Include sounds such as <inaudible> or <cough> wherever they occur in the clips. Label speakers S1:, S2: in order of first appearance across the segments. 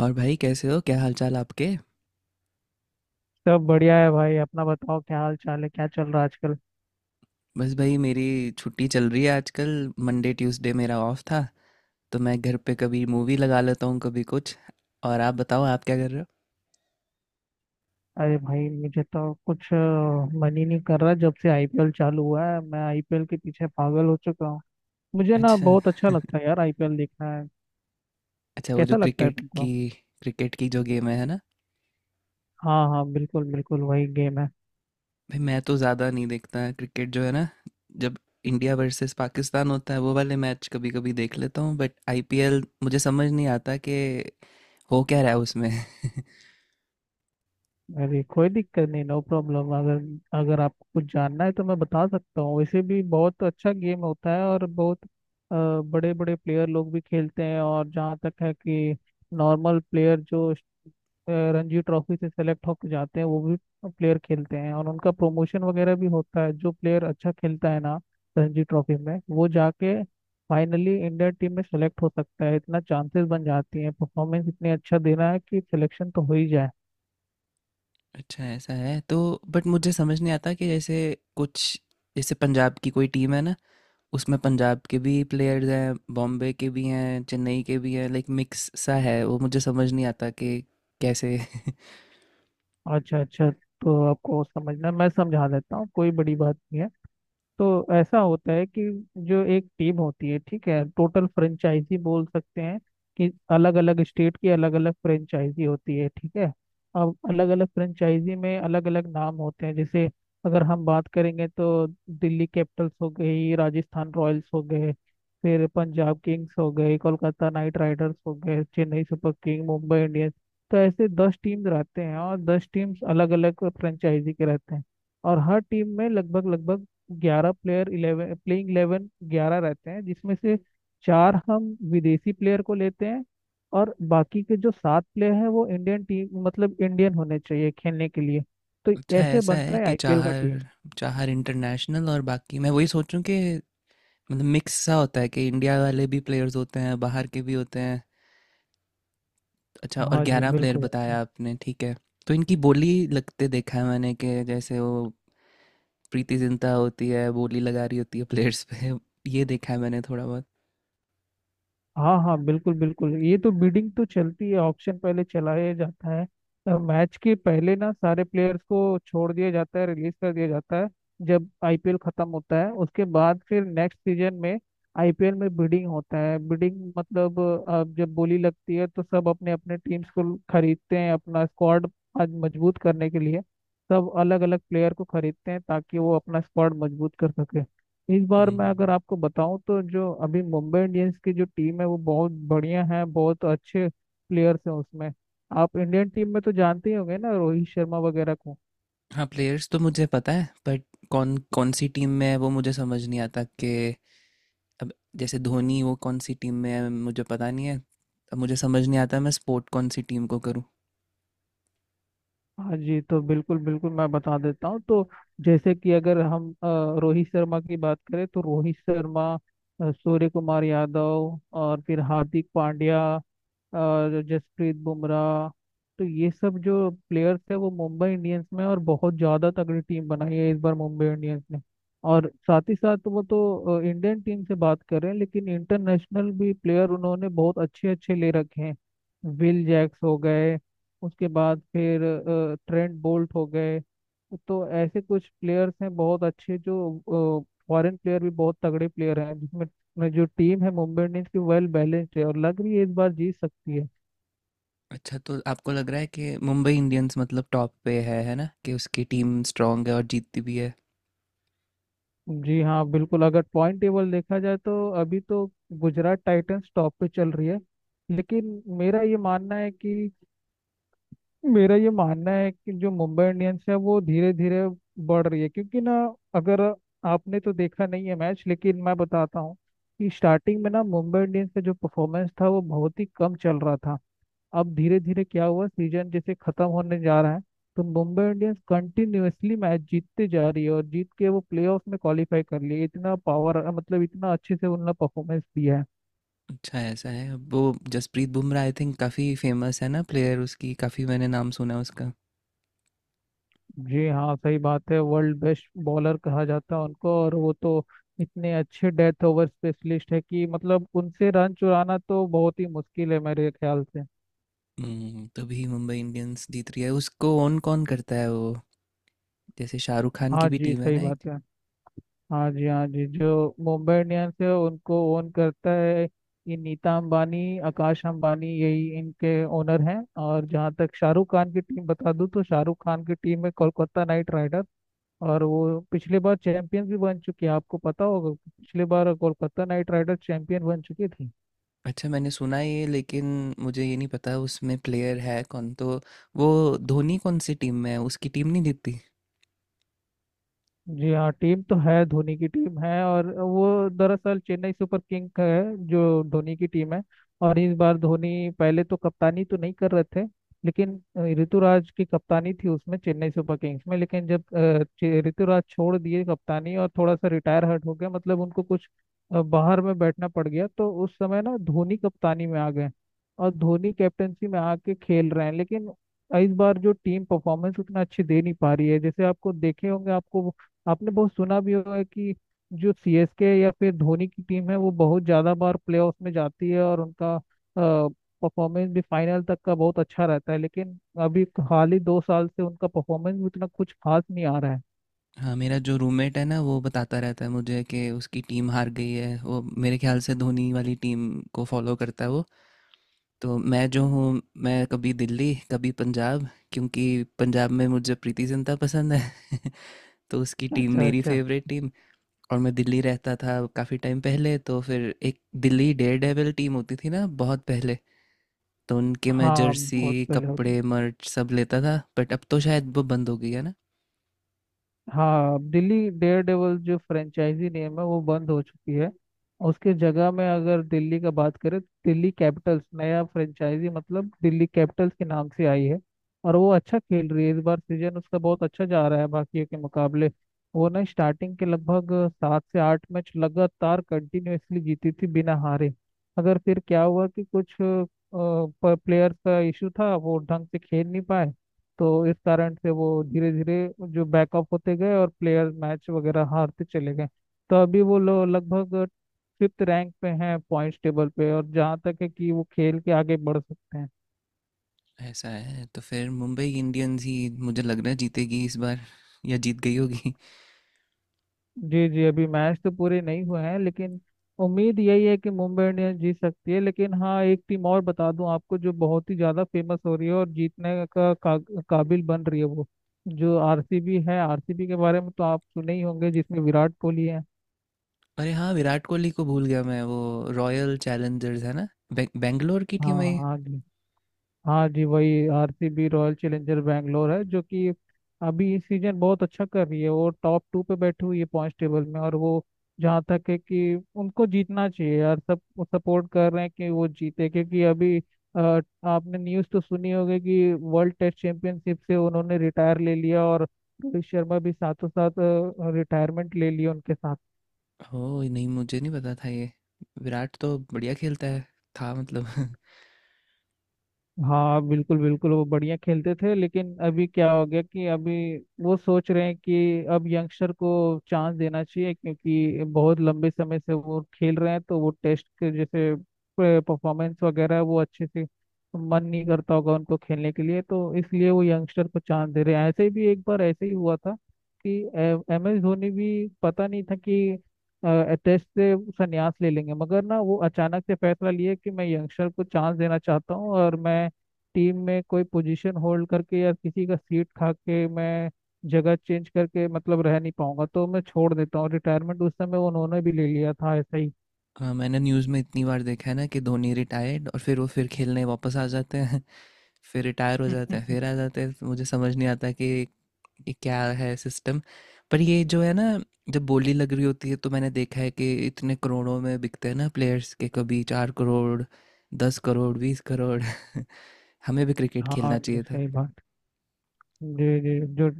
S1: और भाई कैसे हो क्या हालचाल आपके।
S2: सब बढ़िया है भाई। अपना बताओ, क्या हाल चाल है? क्या चल रहा है आजकल?
S1: बस भाई मेरी छुट्टी चल रही है आजकल। मंडे ट्यूसडे मेरा ऑफ था, तो मैं घर पे कभी मूवी लगा लेता हूँ कभी कुछ। और आप बताओ आप क्या कर रहे हो।
S2: अरे भाई, मुझे तो कुछ मन ही नहीं कर रहा। जब से IPL चालू हुआ है, मैं IPL के पीछे पागल हो चुका हूँ। मुझे ना
S1: अच्छा।
S2: बहुत अच्छा लगता है यार IPL देखना है।
S1: <laughs> अच्छा वो जो
S2: कैसा लगता है
S1: क्रिकेट की
S2: तुमको?
S1: क्रिकेट की जो गेम है ना।
S2: हाँ हाँ, बिल्कुल बिल्कुल वही गेम है।
S1: भाई मैं तो ज़्यादा नहीं देखता क्रिकेट जो है ना। जब इंडिया वर्सेस पाकिस्तान होता है वो वाले मैच कभी कभी देख लेता हूँ, बट आईपीएल मुझे समझ नहीं आता कि हो क्या रहा है उसमें। <laughs>
S2: अरे कोई दिक्कत नहीं, नो प्रॉब्लम। अगर अगर आपको कुछ जानना है तो मैं बता सकता हूँ। वैसे भी बहुत अच्छा गेम होता है, और बहुत बड़े बड़े प्लेयर लोग भी खेलते हैं। और जहाँ तक है कि नॉर्मल प्लेयर जो रणजी ट्रॉफी से सेलेक्ट होकर जाते हैं, वो भी प्लेयर खेलते हैं और उनका प्रमोशन वगैरह भी होता है। जो प्लेयर अच्छा खेलता है ना रणजी ट्रॉफी में, वो जाके फाइनली इंडिया टीम में सेलेक्ट हो सकता है। इतना चांसेस बन जाती हैं। परफॉर्मेंस इतनी अच्छा देना है कि सिलेक्शन तो हो ही जाए।
S1: अच्छा ऐसा है तो, बट मुझे समझ नहीं आता कि जैसे कुछ, जैसे पंजाब की कोई टीम है ना, उसमें पंजाब के भी प्लेयर्स हैं, बॉम्बे के भी हैं, चेन्नई के भी हैं, लाइक मिक्स सा है वो। मुझे समझ नहीं आता कि कैसे। <laughs>
S2: अच्छा अच्छा, तो आपको समझना मैं समझा देता हूँ, कोई बड़ी बात नहीं है। तो ऐसा होता है कि जो एक टीम होती है, ठीक है, टोटल फ्रेंचाइजी बोल सकते हैं कि अलग अलग स्टेट की अलग अलग फ्रेंचाइजी होती है, ठीक है। अब अलग अलग फ्रेंचाइजी में अलग अलग नाम होते हैं। जैसे अगर हम बात करेंगे तो दिल्ली कैपिटल्स हो गई, राजस्थान रॉयल्स हो गए, फिर पंजाब किंग्स हो गए, कोलकाता नाइट राइडर्स हो गए, Chennai Super King, Mumbai Indians. तो ऐसे 10 टीम रहते हैं, और 10 टीम्स अलग अलग फ्रेंचाइजी के रहते हैं। और हर टीम में लगभग लगभग 11 प्लेयर, इलेवन प्लेइंग इलेवन, 11 रहते हैं, जिसमें से 4 हम विदेशी प्लेयर को लेते हैं और बाकी के जो 7 प्लेयर हैं वो इंडियन टीम, मतलब इंडियन होने चाहिए खेलने के लिए। तो
S1: अच्छा
S2: ऐसे
S1: ऐसा
S2: बनता
S1: है
S2: है
S1: कि
S2: IPL का
S1: चाहर
S2: टीम।
S1: चाहर इंटरनेशनल और बाकी, मैं वही सोचूं कि मतलब मिक्स सा होता है कि इंडिया वाले भी प्लेयर्स होते हैं, बाहर के भी होते हैं। अच्छा, और
S2: हाँ जी,
S1: 11 प्लेयर
S2: बिल्कुल।
S1: बताया आपने, ठीक है। तो इनकी बोली लगते देखा है मैंने, कि जैसे वो प्रीति जिंटा होती है बोली लगा रही होती है प्लेयर्स पे, ये देखा है मैंने थोड़ा बहुत।
S2: हाँ हाँ, बिल्कुल बिल्कुल, ये तो बिडिंग तो चलती है, ऑक्शन पहले चलाया जाता है। मैच के पहले ना सारे प्लेयर्स को छोड़ दिया जाता है, रिलीज कर दिया जाता है। जब IPL खत्म होता है उसके बाद, फिर नेक्स्ट सीजन में IPL में बिडिंग होता है। बिडिंग मतलब अब जब बोली लगती है तो सब अपने अपने टीम्स को खरीदते हैं, अपना स्क्वाड आज मजबूत करने के लिए। सब अलग अलग प्लेयर को खरीदते हैं ताकि वो अपना स्क्वाड मजबूत कर सके। इस बार मैं अगर
S1: हम्म।
S2: आपको बताऊं तो जो अभी मुंबई इंडियंस की जो टीम है वो बहुत बढ़िया है, बहुत अच्छे प्लेयर्स हैं उसमें। आप इंडियन टीम में तो जानते ही होंगे ना, रोहित शर्मा वगैरह को।
S1: हाँ प्लेयर्स तो मुझे पता है, बट कौन कौन सी टीम में है वो मुझे समझ नहीं आता कि, अब जैसे धोनी वो कौन सी टीम में है मुझे पता नहीं है। अब मुझे समझ नहीं आता मैं सपोर्ट कौन सी टीम को करूँ।
S2: हाँ जी, तो बिल्कुल बिल्कुल मैं बता देता हूँ। तो जैसे कि अगर हम रोहित शर्मा की बात करें, तो रोहित शर्मा, सूर्य कुमार यादव, और फिर हार्दिक पांड्या और जसप्रीत बुमराह। तो ये सब जो प्लेयर्स है वो मुंबई इंडियंस में, और बहुत ज़्यादा तगड़ी टीम बनाई है इस बार मुंबई इंडियंस ने। और साथ ही साथ वो तो इंडियन टीम से बात कर रहे हैं, लेकिन इंटरनेशनल भी प्लेयर उन्होंने बहुत अच्छे अच्छे ले रखे हैं। विल जैक्स हो गए, उसके बाद फिर ट्रेंट बोल्ट हो गए। तो ऐसे कुछ प्लेयर्स हैं बहुत अच्छे, जो फॉरेन प्लेयर भी बहुत तगड़े प्लेयर हैं, जिसमें में जो टीम है मुंबई इंडियंस की, वेल बैलेंस्ड है और लग रही है इस बार जीत सकती है।
S1: अच्छा, तो आपको लग रहा है कि मुंबई इंडियंस मतलब टॉप पे है ना, कि उसकी टीम स्ट्रांग है और जीतती भी है।
S2: जी हाँ बिल्कुल, अगर पॉइंट टेबल देखा जाए तो अभी तो गुजरात टाइटंस टॉप पे चल रही है, लेकिन मेरा ये मानना है कि मेरा ये मानना है कि जो मुंबई इंडियंस है वो धीरे धीरे बढ़ रही है। क्योंकि ना, अगर आपने तो देखा नहीं है मैच, लेकिन मैं बताता हूँ कि स्टार्टिंग में ना मुंबई इंडियंस का जो परफॉर्मेंस था वो बहुत ही कम चल रहा था। अब धीरे धीरे क्या हुआ, सीजन जैसे खत्म होने जा रहा है, तो मुंबई इंडियंस कंटिन्यूअसली मैच जीतते जा रही है, और जीत के वो प्लेऑफ में क्वालिफाई कर लिए। इतना पावर मतलब इतना अच्छे से उन्होंने परफॉर्मेंस दिया है।
S1: अच्छा ऐसा है वो। जसप्रीत बुमराह आई थिंक काफ़ी फेमस है ना प्लेयर, उसकी काफ़ी मैंने नाम सुना है उसका।
S2: जी हाँ, सही बात है, वर्ल्ड बेस्ट बॉलर कहा जाता है उनको। और वो तो इतने अच्छे डेथ ओवर स्पेशलिस्ट है कि मतलब उनसे रन चुराना तो बहुत ही मुश्किल है मेरे ख्याल से।
S1: तभी मुंबई इंडियंस जीत रही है। उसको ओन कौन करता है वो, जैसे शाहरुख खान की
S2: हाँ
S1: भी
S2: जी,
S1: टीम है
S2: सही
S1: ना एक।
S2: बात है। हाँ जी, हाँ जी, जो मुंबई इंडियंस है उनको ओन करता है ये नीता अंबानी, आकाश अंबानी, यही इनके ओनर हैं। और जहाँ तक शाहरुख खान की टीम बता दूँ, तो शाहरुख खान की टीम है कोलकाता नाइट राइडर। और वो पिछले बार चैंपियन भी बन चुकी है, आपको पता होगा, पिछले बार कोलकाता नाइट राइडर चैंपियन बन चुकी थी।
S1: अच्छा, मैंने सुना है ये, लेकिन मुझे ये नहीं पता उसमें प्लेयर है कौन, तो वो धोनी कौन सी टीम में है, उसकी टीम नहीं जीतती।
S2: जी हाँ, टीम तो है, धोनी की टीम है, और वो दरअसल चेन्नई सुपर किंग का है जो धोनी की टीम है। और इस बार धोनी पहले तो कप्तानी तो नहीं कर रहे थे, लेकिन ऋतुराज की कप्तानी थी उसमें, चेन्नई सुपर किंग्स में। लेकिन जब ऋतुराज छोड़ दिए कप्तानी, और थोड़ा सा रिटायर हर्ट हो गया, मतलब उनको कुछ बाहर में बैठना पड़ गया, तो उस समय ना धोनी कप्तानी में आ गए। और धोनी कैप्टेंसी में आके खेल रहे हैं, लेकिन इस बार जो टीम परफॉर्मेंस उतना अच्छी दे नहीं पा रही है। जैसे आपको देखे होंगे, आपको, आपने बहुत सुना भी होगा कि जो CSK या फिर धोनी की टीम है वो बहुत ज़्यादा बार प्लेऑफ में जाती है, और उनका परफॉर्मेंस भी फाइनल तक का बहुत अच्छा रहता है। लेकिन अभी हाल ही 2 साल से उनका परफॉर्मेंस भी उतना कुछ खास नहीं आ रहा है।
S1: हाँ मेरा जो रूममेट है ना, वो बताता रहता है मुझे कि उसकी टीम हार गई है। वो मेरे ख्याल से धोनी वाली टीम को फॉलो करता है वो। तो मैं जो हूँ, मैं कभी दिल्ली कभी पंजाब, क्योंकि पंजाब में मुझे प्रीति जिंटा पसंद है। <laughs> तो उसकी टीम
S2: अच्छा
S1: मेरी
S2: अच्छा।
S1: Favourite team. और मैं दिल्ली रहता था काफ़ी टाइम पहले, तो फिर एक दिल्ली डेयर डेविल टीम होती थी ना बहुत पहले, तो उनके मैं
S2: हाँ,
S1: जर्सी
S2: बहुत पहले होता।
S1: कपड़े मर्च सब लेता था, बट अब तो शायद वो बंद हो गई है ना।
S2: हाँ, दिल्ली डेयर डेवल जो फ्रेंचाइजी नेम है वो बंद हो चुकी है। उसके जगह में अगर दिल्ली का बात करें, तो दिल्ली कैपिटल्स नया फ्रेंचाइजी, मतलब दिल्ली कैपिटल्स के नाम से आई है। और वो अच्छा खेल रही है, इस बार सीजन उसका बहुत अच्छा जा रहा है बाकियों के मुकाबले। वो ना स्टार्टिंग के लगभग 7 से 8 मैच लगातार कंटिन्यूअसली जीती थी बिना हारे। अगर फिर क्या हुआ कि कुछ प्लेयर्स का इशू था, वो ढंग से खेल नहीं पाए, तो इस कारण से वो धीरे धीरे जो बैकअप होते गए और प्लेयर मैच वगैरह हारते चले गए। तो अभी वो लोग लगभग फिफ्थ रैंक पे हैं पॉइंट्स टेबल पे, और जहाँ तक है कि वो खेल के आगे बढ़ सकते हैं।
S1: ऐसा है, तो फिर मुंबई इंडियंस ही मुझे लग रहा है जीतेगी इस बार, या जीत गई होगी।
S2: जी जी, अभी मैच तो पूरे नहीं हुए हैं, लेकिन उम्मीद यही है कि मुंबई इंडियंस जीत सकती है। लेकिन हाँ, एक टीम और बता दूं आपको जो बहुत ही ज़्यादा फेमस हो रही है और जीतने का, काबिल बन रही है, वो जो RCB है। RCB के बारे में तो आप सुने ही होंगे, जिसमें विराट कोहली है।
S1: अरे हाँ, विराट कोहली को भूल गया मैं। वो रॉयल चैलेंजर्स है ना, बेंगलोर की टीम है
S2: हाँ
S1: ये।
S2: हाँ जी। हाँ जी, वही RCB, रॉयल चैलेंजर बैंगलोर है, जो कि अभी इस सीजन बहुत अच्छा कर रही है। वो टॉप टू पे बैठी हुई है पॉइंट टेबल में, और वो जहाँ तक है कि उनको जीतना चाहिए यार। सब सपोर्ट कर रहे हैं कि वो जीते, क्योंकि अभी आपने न्यूज़ तो सुनी होगी कि वर्ल्ड टेस्ट चैंपियनशिप से उन्होंने रिटायर ले लिया, और रोहित शर्मा भी साथों साथ रिटायरमेंट ले लिया उनके साथ।
S1: ओ नहीं, मुझे नहीं पता था ये। विराट तो बढ़िया खेलता है, था मतलब। <laughs>
S2: हाँ बिल्कुल बिल्कुल, वो बढ़िया खेलते थे, लेकिन अभी क्या हो गया कि अभी वो सोच रहे हैं कि अब यंगस्टर को चांस देना चाहिए, क्योंकि बहुत लंबे समय से वो खेल रहे हैं। तो वो टेस्ट के जैसे परफॉर्मेंस वगैरह वो अच्छे से मन नहीं करता होगा उनको खेलने के लिए, तो इसलिए वो यंगस्टर को चांस दे रहे हैं। ऐसे भी एक बार ऐसे ही हुआ था कि M S धोनी भी पता नहीं था कि टेस्ट से संन्यास ले लेंगे, मगर ना वो अचानक से फैसला लिए कि मैं यंगस्टर को चांस देना चाहता हूँ, और मैं टीम में कोई पोजीशन होल्ड करके या किसी का सीट खा के मैं जगह चेंज करके मतलब रह नहीं पाऊंगा, तो मैं छोड़ देता हूँ रिटायरमेंट। उस समय उन्होंने भी ले लिया था ऐसा ही।
S1: हाँ मैंने न्यूज़ में इतनी बार देखा है ना, कि धोनी रिटायर्ड, और फिर वो फिर खेलने वापस आ जाते हैं। <laughs> फिर रिटायर हो जाते हैं, फिर आ
S2: <laughs>
S1: जाते हैं, तो मुझे समझ नहीं आता कि ये क्या है सिस्टम। पर ये जो है ना, जब बोली लग रही होती है, तो मैंने देखा है कि इतने करोड़ों में बिकते हैं ना प्लेयर्स, के कभी 4 करोड़, 10 करोड़, 20 करोड़। <laughs> हमें भी क्रिकेट
S2: हाँ
S1: खेलना
S2: जी,
S1: चाहिए था।
S2: सही बात। जी जी, जो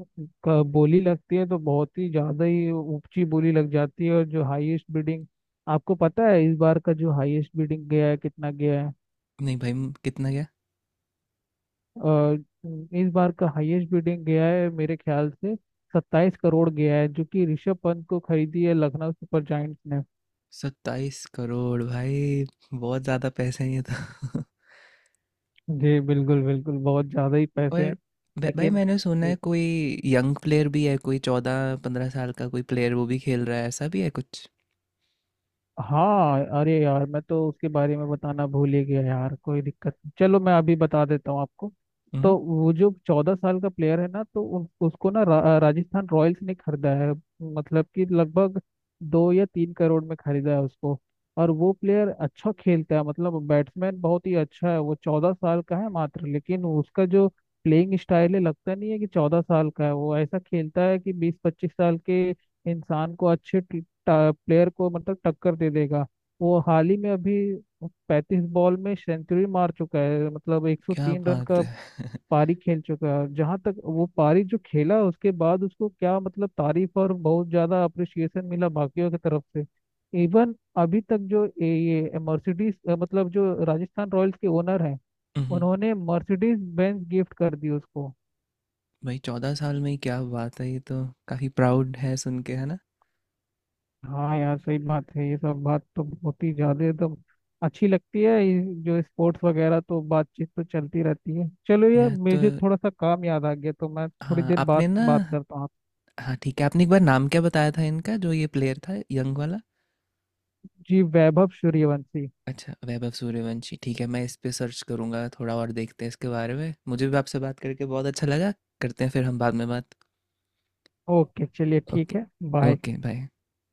S2: बोली लगती है, तो बहुत ही ज्यादा ही ऊंची बोली लग जाती है। और जो हाईएस्ट बिडिंग, आपको पता है इस बार का जो हाईएस्ट बिडिंग गया है कितना गया है?
S1: नहीं भाई, कितना गया।
S2: अ, इस बार का हाईएस्ट बिडिंग गया है, मेरे ख्याल से 27 करोड़ गया है, जो कि ऋषभ पंत को खरीदी है लखनऊ सुपर जायंट्स ने।
S1: 27 करोड़ भाई, बहुत ज़्यादा पैसे हैं ये तो। <laughs>
S2: जी बिल्कुल बिल्कुल, बहुत ज़्यादा ही पैसे
S1: और
S2: हैं
S1: भाई
S2: लेकिन।
S1: मैंने सुना है कोई यंग प्लेयर भी है, कोई 14 15 साल का कोई प्लेयर वो भी खेल रहा है, ऐसा भी है कुछ।
S2: हाँ अरे यार, मैं तो उसके बारे में बताना भूल ही गया यार, कोई दिक्कत नहीं, चलो मैं अभी बता देता हूँ आपको।
S1: हम्म।
S2: तो वो जो 14 साल का प्लेयर है ना, तो उसको ना राजस्थान रॉयल्स ने खरीदा है। मतलब कि लगभग 2 या 3 करोड़ में खरीदा है उसको। और वो प्लेयर अच्छा खेलता है, मतलब बैट्समैन बहुत ही अच्छा है। वो 14 साल का है मात्र, लेकिन उसका जो प्लेइंग स्टाइल है, लगता नहीं है कि 14 साल का है। वो ऐसा खेलता है कि 20, 25 साल के इंसान को, अच्छे प्लेयर को मतलब टक्कर दे देगा। वो हाल ही में अभी 35 बॉल में सेंचुरी मार चुका है, मतलब एक सौ
S1: क्या
S2: तीन रन
S1: बात
S2: का
S1: है। <laughs>
S2: पारी खेल चुका है। जहां तक वो पारी जो खेला, उसके बाद उसको क्या मतलब तारीफ और बहुत ज्यादा अप्रिसिएशन मिला बाकियों की तरफ से। इवन अभी तक जो ये मर्सिडीज, मतलब जो राजस्थान रॉयल्स के ओनर हैं,
S1: हम्म
S2: उन्होंने मर्सिडीज बेंज गिफ्ट कर दी उसको।
S1: भाई 14 साल में ही, क्या बात है ये तो। काफी प्राउड है सुन के, है ना।
S2: हाँ यार, सही बात है। ये सब बात तो बहुत ही ज्यादा एकदम अच्छी लगती है, ये जो स्पोर्ट्स वगैरह। तो बातचीत तो चलती रहती है, चलो यार,
S1: यह तो,
S2: मुझे थोड़ा सा काम याद आ गया, तो मैं थोड़ी
S1: हाँ
S2: देर बाद
S1: आपने ना,
S2: बात करता हूँ आपसे।
S1: हाँ ठीक है, आपने एक बार नाम क्या बताया था इनका, जो ये प्लेयर था यंग वाला।
S2: जी, वैभव सूर्यवंशी।
S1: अच्छा, वैभव सूर्यवंशी, ठीक है, मैं इस पे सर्च करूंगा थोड़ा और देखते हैं इसके बारे में। मुझे भी आपसे बात करके बहुत अच्छा लगा, करते हैं फिर हम बाद में बात।
S2: ओके चलिए, ठीक
S1: ओके।
S2: है। बाय।
S1: Okay bye.